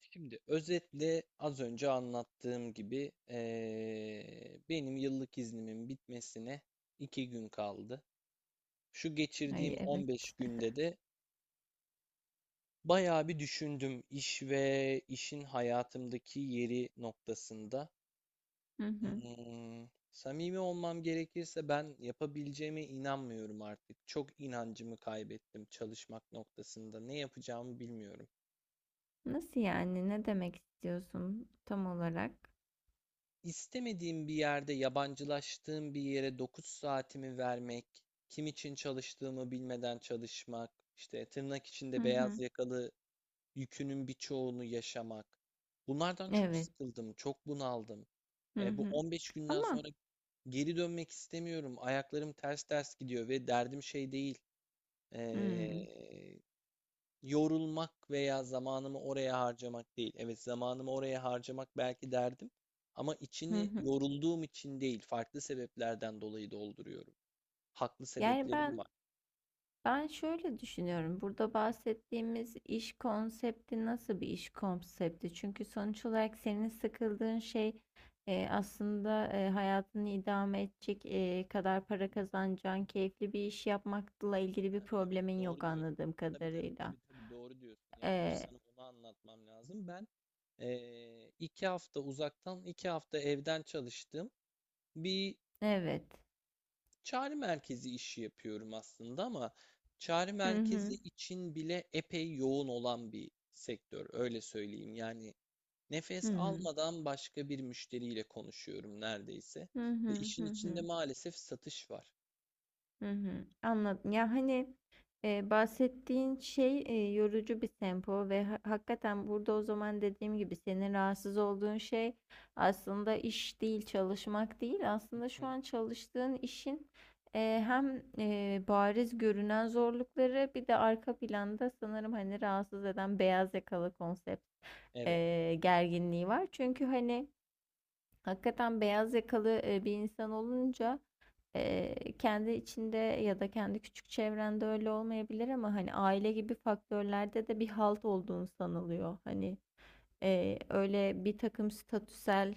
Şimdi özetle az önce anlattığım gibi benim yıllık iznimin bitmesine 2 gün kaldı. Şu Ay geçirdiğim evet. 15 günde de bayağı bir düşündüm iş ve işin hayatımdaki yeri noktasında. Hı hı. Samimi olmam gerekirse ben yapabileceğime inanmıyorum artık. Çok inancımı kaybettim çalışmak noktasında. Ne yapacağımı bilmiyorum. Nasıl yani? Ne demek istiyorsun tam olarak? İstemediğim bir yerde, yabancılaştığım bir yere 9 saatimi vermek, kim için çalıştığımı bilmeden çalışmak, işte tırnak Hı içinde beyaz hı. yakalı yükünün birçoğunu yaşamak. Bunlardan çok Evet. sıkıldım, çok bunaldım. Hı Bu hı. 15 günden Ama sonra geri dönmek istemiyorum. Ayaklarım ters ters gidiyor ve derdim şey değil. hmm. e, Yorulmak veya zamanımı oraya harcamak değil. Evet, zamanımı oraya harcamak belki derdim ama Hı içini hı. yorulduğum için değil, farklı sebeplerden dolayı dolduruyorum. Haklı Yani sebeplerim ben var. ben şöyle düşünüyorum. Burada bahsettiğimiz iş konsepti nasıl bir iş konsepti? Çünkü sonuç olarak senin sıkıldığın şey aslında hayatını idame edecek kadar para kazanacağın keyifli bir iş yapmakla ilgili bir Ha, evet, problemin yok doğru diyorsun. anladığım Tabii tabii kadarıyla. tabii tabii, doğru diyorsun. Yani önce E, sana onu anlatmam lazım. Ben 2 hafta uzaktan, 2 hafta evden çalıştım. Bir evet. Çağrı merkezi işi yapıyorum aslında ama çağrı Hı merkezi hı. için bile epey yoğun olan bir sektör, öyle söyleyeyim. Yani nefes Hıı. almadan başka bir müşteriyle konuşuyorum neredeyse Hı ve hı. işin Hı içinde hı. maalesef satış var. Hı hı. Hı. Anladım. Ya, hani, bahsettiğin şey, yorucu bir tempo ve hakikaten burada o zaman dediğim gibi senin rahatsız olduğun şey aslında iş değil, çalışmak değil. Hı Aslında şu hı, an çalıştığın işin, hem, bariz görünen zorlukları bir de arka planda sanırım, hani, rahatsız eden beyaz yakalı konsept, evet, gerginliği var. Çünkü, hani, hakikaten beyaz yakalı bir insan olunca kendi içinde ya da kendi küçük çevrende öyle olmayabilir ama hani aile gibi faktörlerde de bir halt olduğunu sanılıyor. hı Hani öyle bir takım statüsel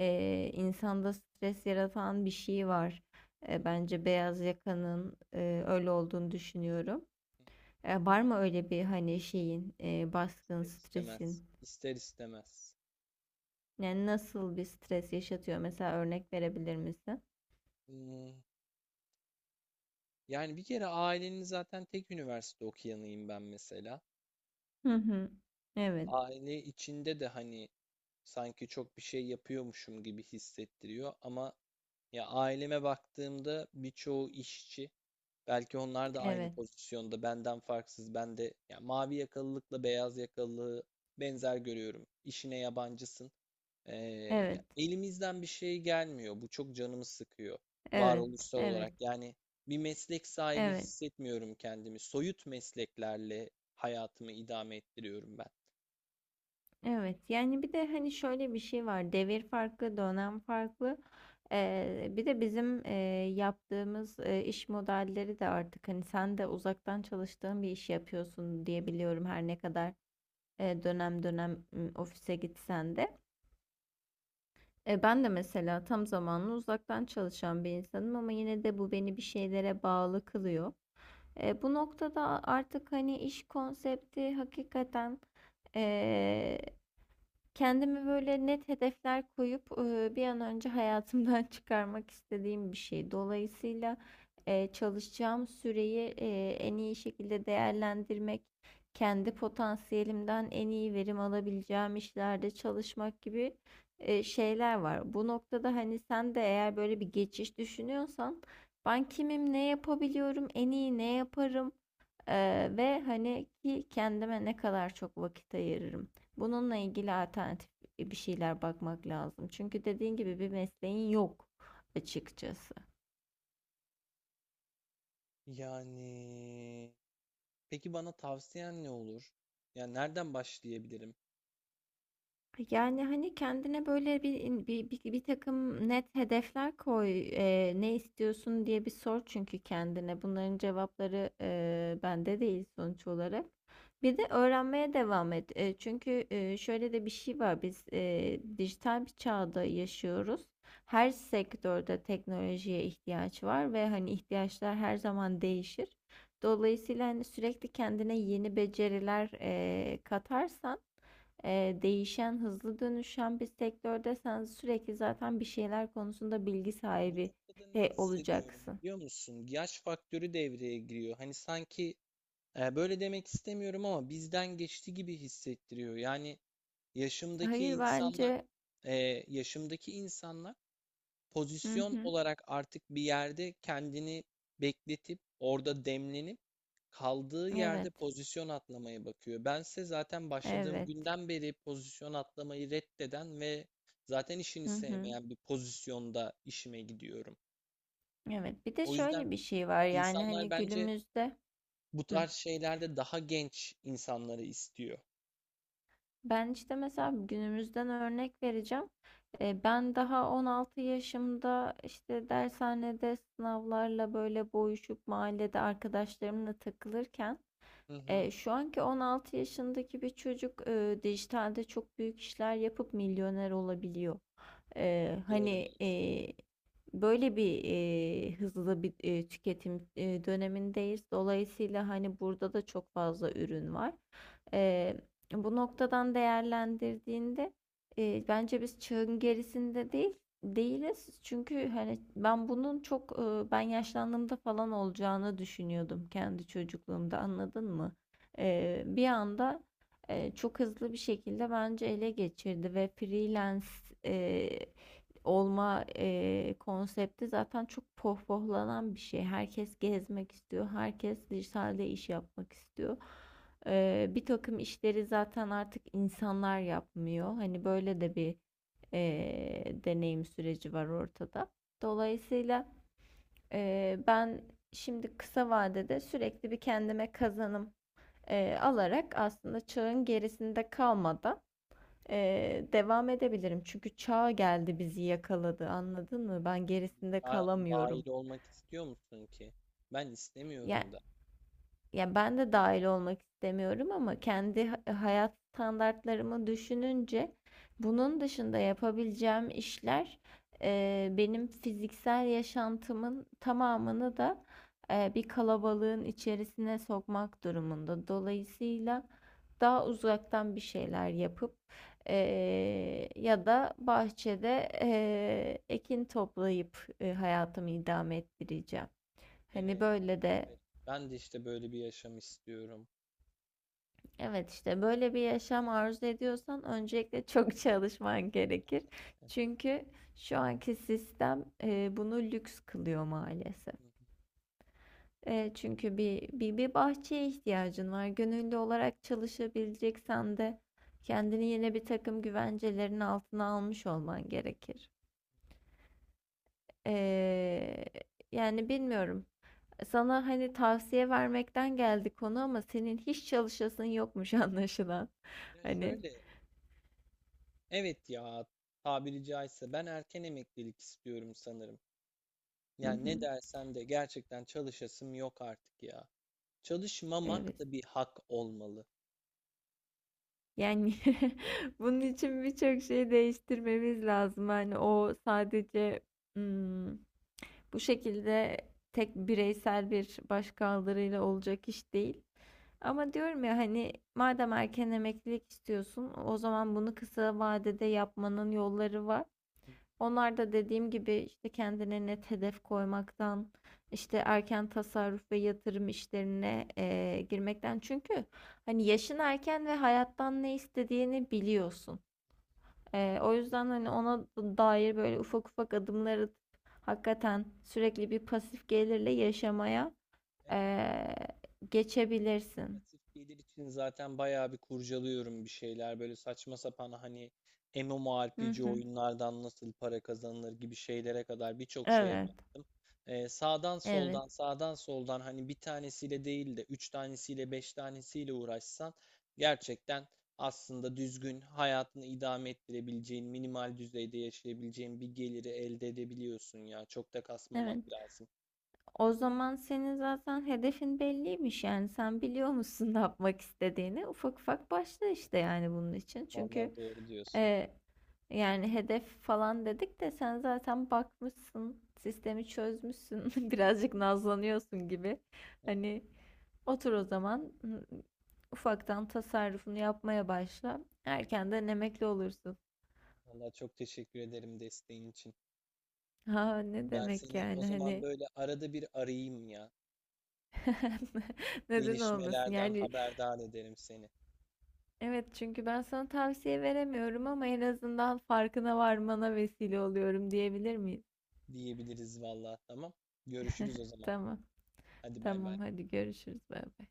insanda stres yaratan bir şey var. hı, hı Bence beyaz yakanın öyle olduğunu düşünüyorum. hı. Var mı öyle bir hani şeyin baskın ister istemez, stresin? ister istemez. Yani nasıl bir stres yaşatıyor? Mesela örnek verebilir misin? Hmm, Yani bir kere ailenin zaten tek üniversite okuyanıyım ben mesela. Hı hı. Evet. Aile içinde de hani sanki çok bir şey yapıyormuşum gibi hissettiriyor ama, ya, aileme baktığımda birçoğu işçi. Belki onlar da aynı Evet. pozisyonda benden farksız. Ben de ya mavi yakalılıkla beyaz yakalılığı benzer görüyorum. İşine yabancısın. Ee, Evet. Ya elimizden bir şey gelmiyor, bu çok canımı sıkıyor, Evet. varoluşsal Evet. olarak. Yani bir meslek sahibi Evet. hissetmiyorum kendimi, soyut mesleklerle hayatımı idame ettiriyorum ben. Evet. Yani bir de hani şöyle bir şey var. Devir farklı, dönem farklı. Bir de bizim yaptığımız iş modelleri de artık hani sen de uzaktan çalıştığın bir iş yapıyorsun diye biliyorum, her ne kadar dönem dönem ofise gitsen de. Ben de mesela tam zamanlı uzaktan çalışan bir insanım ama yine de bu beni bir şeylere bağlı kılıyor. Bu noktada artık hani iş konsepti hakikaten e, kendimi böyle net hedefler koyup bir an önce hayatımdan çıkarmak istediğim bir şey. Dolayısıyla çalışacağım süreyi en iyi şekilde değerlendirmek, kendi potansiyelimden en iyi verim alabileceğim işlerde çalışmak gibi şeyler var. Bu noktada hani sen de eğer böyle bir geçiş düşünüyorsan, ben kimim, ne yapabiliyorum, en iyi ne yaparım? Ve hani ki kendime ne kadar çok vakit ayırırım. Bununla ilgili alternatif bir şeyler bakmak lazım. Çünkü dediğin gibi bir mesleğin yok açıkçası. Yani peki bana tavsiyen ne olur? Yani nereden başlayabilirim? Yani, hani, kendine böyle bir in bir bir takım net hedefler koy. Ne istiyorsun diye bir sor çünkü kendine. Bunların cevapları, bende değil sonuç olarak. Bir de öğrenmeye devam et. Çünkü, şöyle de bir şey var. Biz, dijital bir çağda yaşıyoruz. Her sektörde teknolojiye ihtiyaç var ve, hani, ihtiyaçlar her zaman değişir. Dolayısıyla, hani, sürekli kendine yeni beceriler, katarsan değişen, hızlı dönüşen bir sektörde sen sürekli zaten bir şeyler konusunda bilgi Bu sahibi noktada ne hissediyorum olacaksın. biliyor musun? Yaş faktörü devreye giriyor. Hani sanki, böyle demek istemiyorum ama, bizden geçti gibi hissettiriyor. Yani yaşımdaki Hayır insanlar, bence. e, yaşımdaki insanlar Hı pozisyon hı. olarak artık bir yerde kendini bekletip, orada demlenip kaldığı yerde Evet. pozisyon atlamaya bakıyor. Bense zaten başladığım Evet. günden beri pozisyon atlamayı reddeden ve zaten işini Hı hı. sevmeyen bir pozisyonda işime gidiyorum. Evet. Bir de O yüzden şöyle bir şey var yani insanlar hani bence günümüzde. bu Hı. tarz şeylerde daha genç insanları istiyor. Ben işte mesela günümüzden örnek vereceğim. Ben daha 16 yaşımda işte dershanede sınavlarla böyle boğuşup mahallede arkadaşlarımla takılırken, Hı hı. Şu anki 16 yaşındaki bir çocuk dijitalde çok büyük işler yapıp milyoner olabiliyor. Doğru Hani, diyorsun. Böyle bir, hızlı bir, tüketim, dönemindeyiz. Dolayısıyla, hani, burada da çok fazla ürün var. Eee, Bu noktadan değerlendirdiğinde, bence biz çağın gerisinde değil değiliz. Çünkü, hani, ben bunun çok, ben yaşlandığımda falan olacağını düşünüyordum kendi çocukluğumda, anladın mı? Bir anda çok hızlı bir şekilde bence ele geçirdi ve freelance e, olma konsepti zaten çok pohpohlanan bir şey. Herkes gezmek istiyor, herkes dijitalde iş yapmak istiyor. Bir takım işleri zaten artık insanlar yapmıyor. Hani böyle de bir deneyim süreci var ortada. Dolayısıyla ben şimdi kısa vadede sürekli bir kendime kazanım alarak aslında çağın gerisinde kalmadan devam edebilirim. Çünkü çağ geldi bizi yakaladı, anladın mı? Ben gerisinde Daha kalamıyorum. dahil olmak istiyor musun ki? Ben Yani. istemiyorum da. Ya ben de dahil olmak istemiyorum ama kendi hayat standartlarımı düşününce bunun dışında yapabileceğim işler benim fiziksel yaşantımın tamamını da bir kalabalığın içerisine sokmak durumunda. Dolayısıyla daha uzaktan bir şeyler yapıp e, ya da bahçede ekin toplayıp hayatımı idame ettireceğim. Hani Evet, böyle de. evet. Ben de işte böyle bir yaşam istiyorum. Evet, işte böyle bir yaşam arzu ediyorsan öncelikle çok çalışman gerekir. Çünkü şu anki sistem bunu lüks kılıyor maalesef. Hı hı. Çünkü bir bahçeye ihtiyacın var. Gönüllü olarak çalışabileceksen de kendini yine bir takım güvencelerin altına almış olman gerekir. E, Yani bilmiyorum. Sana hani tavsiye vermekten geldi konu ama senin hiç çalışasın yokmuş anlaşılan. Ya Hani. şöyle Evet ya, tabiri caizse ben erken emeklilik istiyorum sanırım. Hı Yani ne hı. dersen de gerçekten çalışasım yok artık ya. Evet. Çalışmamak da bir hak olmalı. Yani bunun için birçok şeyi değiştirmemiz lazım. Hani o sadece, hmm, bu şekilde tek bireysel bir başkaldırıyla olacak iş değil. Ama diyorum ya, hani madem erken emeklilik istiyorsun, o zaman bunu kısa vadede yapmanın yolları var. Onlar da dediğim gibi işte kendine net hedef koymaktan, işte erken tasarruf ve yatırım işlerine girmekten. Çünkü hani yaşın erken ve hayattan ne istediğini biliyorsun. O yüzden hani ona dair böyle ufak ufak adımlar atıp hakikaten sürekli bir pasif gelirle yaşamaya Evet. eee, geçebilirsin. Pasif gelir için zaten bayağı bir kurcalıyorum bir şeyler. Böyle saçma sapan, hani, Hı MMORPG hı. oyunlardan nasıl para kazanılır gibi şeylere kadar birçok şeye Evet. baktım. Sağdan Evet. soldan sağdan soldan, hani, bir tanesiyle değil de 3 tanesiyle, 5 tanesiyle uğraşsan, gerçekten aslında düzgün, hayatını idame ettirebileceğin, minimal düzeyde yaşayabileceğin bir geliri elde edebiliyorsun ya. Çok da Evet. kasmamak lazım. O zaman senin zaten hedefin belliymiş, yani sen biliyor musun ne yapmak istediğini. Ufak ufak başla işte, yani bunun için. Çünkü Vallahi doğru diyorsun. e, yani hedef falan dedik de sen zaten bakmışsın, sistemi çözmüşsün birazcık nazlanıyorsun gibi, hani otur o zaman, ufaktan tasarrufunu yapmaya başla, erkenden emekli olursun. Valla çok teşekkür ederim desteğin için. Ha ne Ben demek seni o yani, zaman hani böyle arada bir arayayım ya. neden olmasın Gelişmelerden yani. haberdar ederim seni. Evet, çünkü ben sana tavsiye veremiyorum ama en azından farkına varmana vesile oluyorum, diyebilir miyiz? Diyebiliriz, valla. Tamam. Görüşürüz o zaman. Tamam. Hadi bay bay. Tamam, hadi görüşürüz. Bay bay.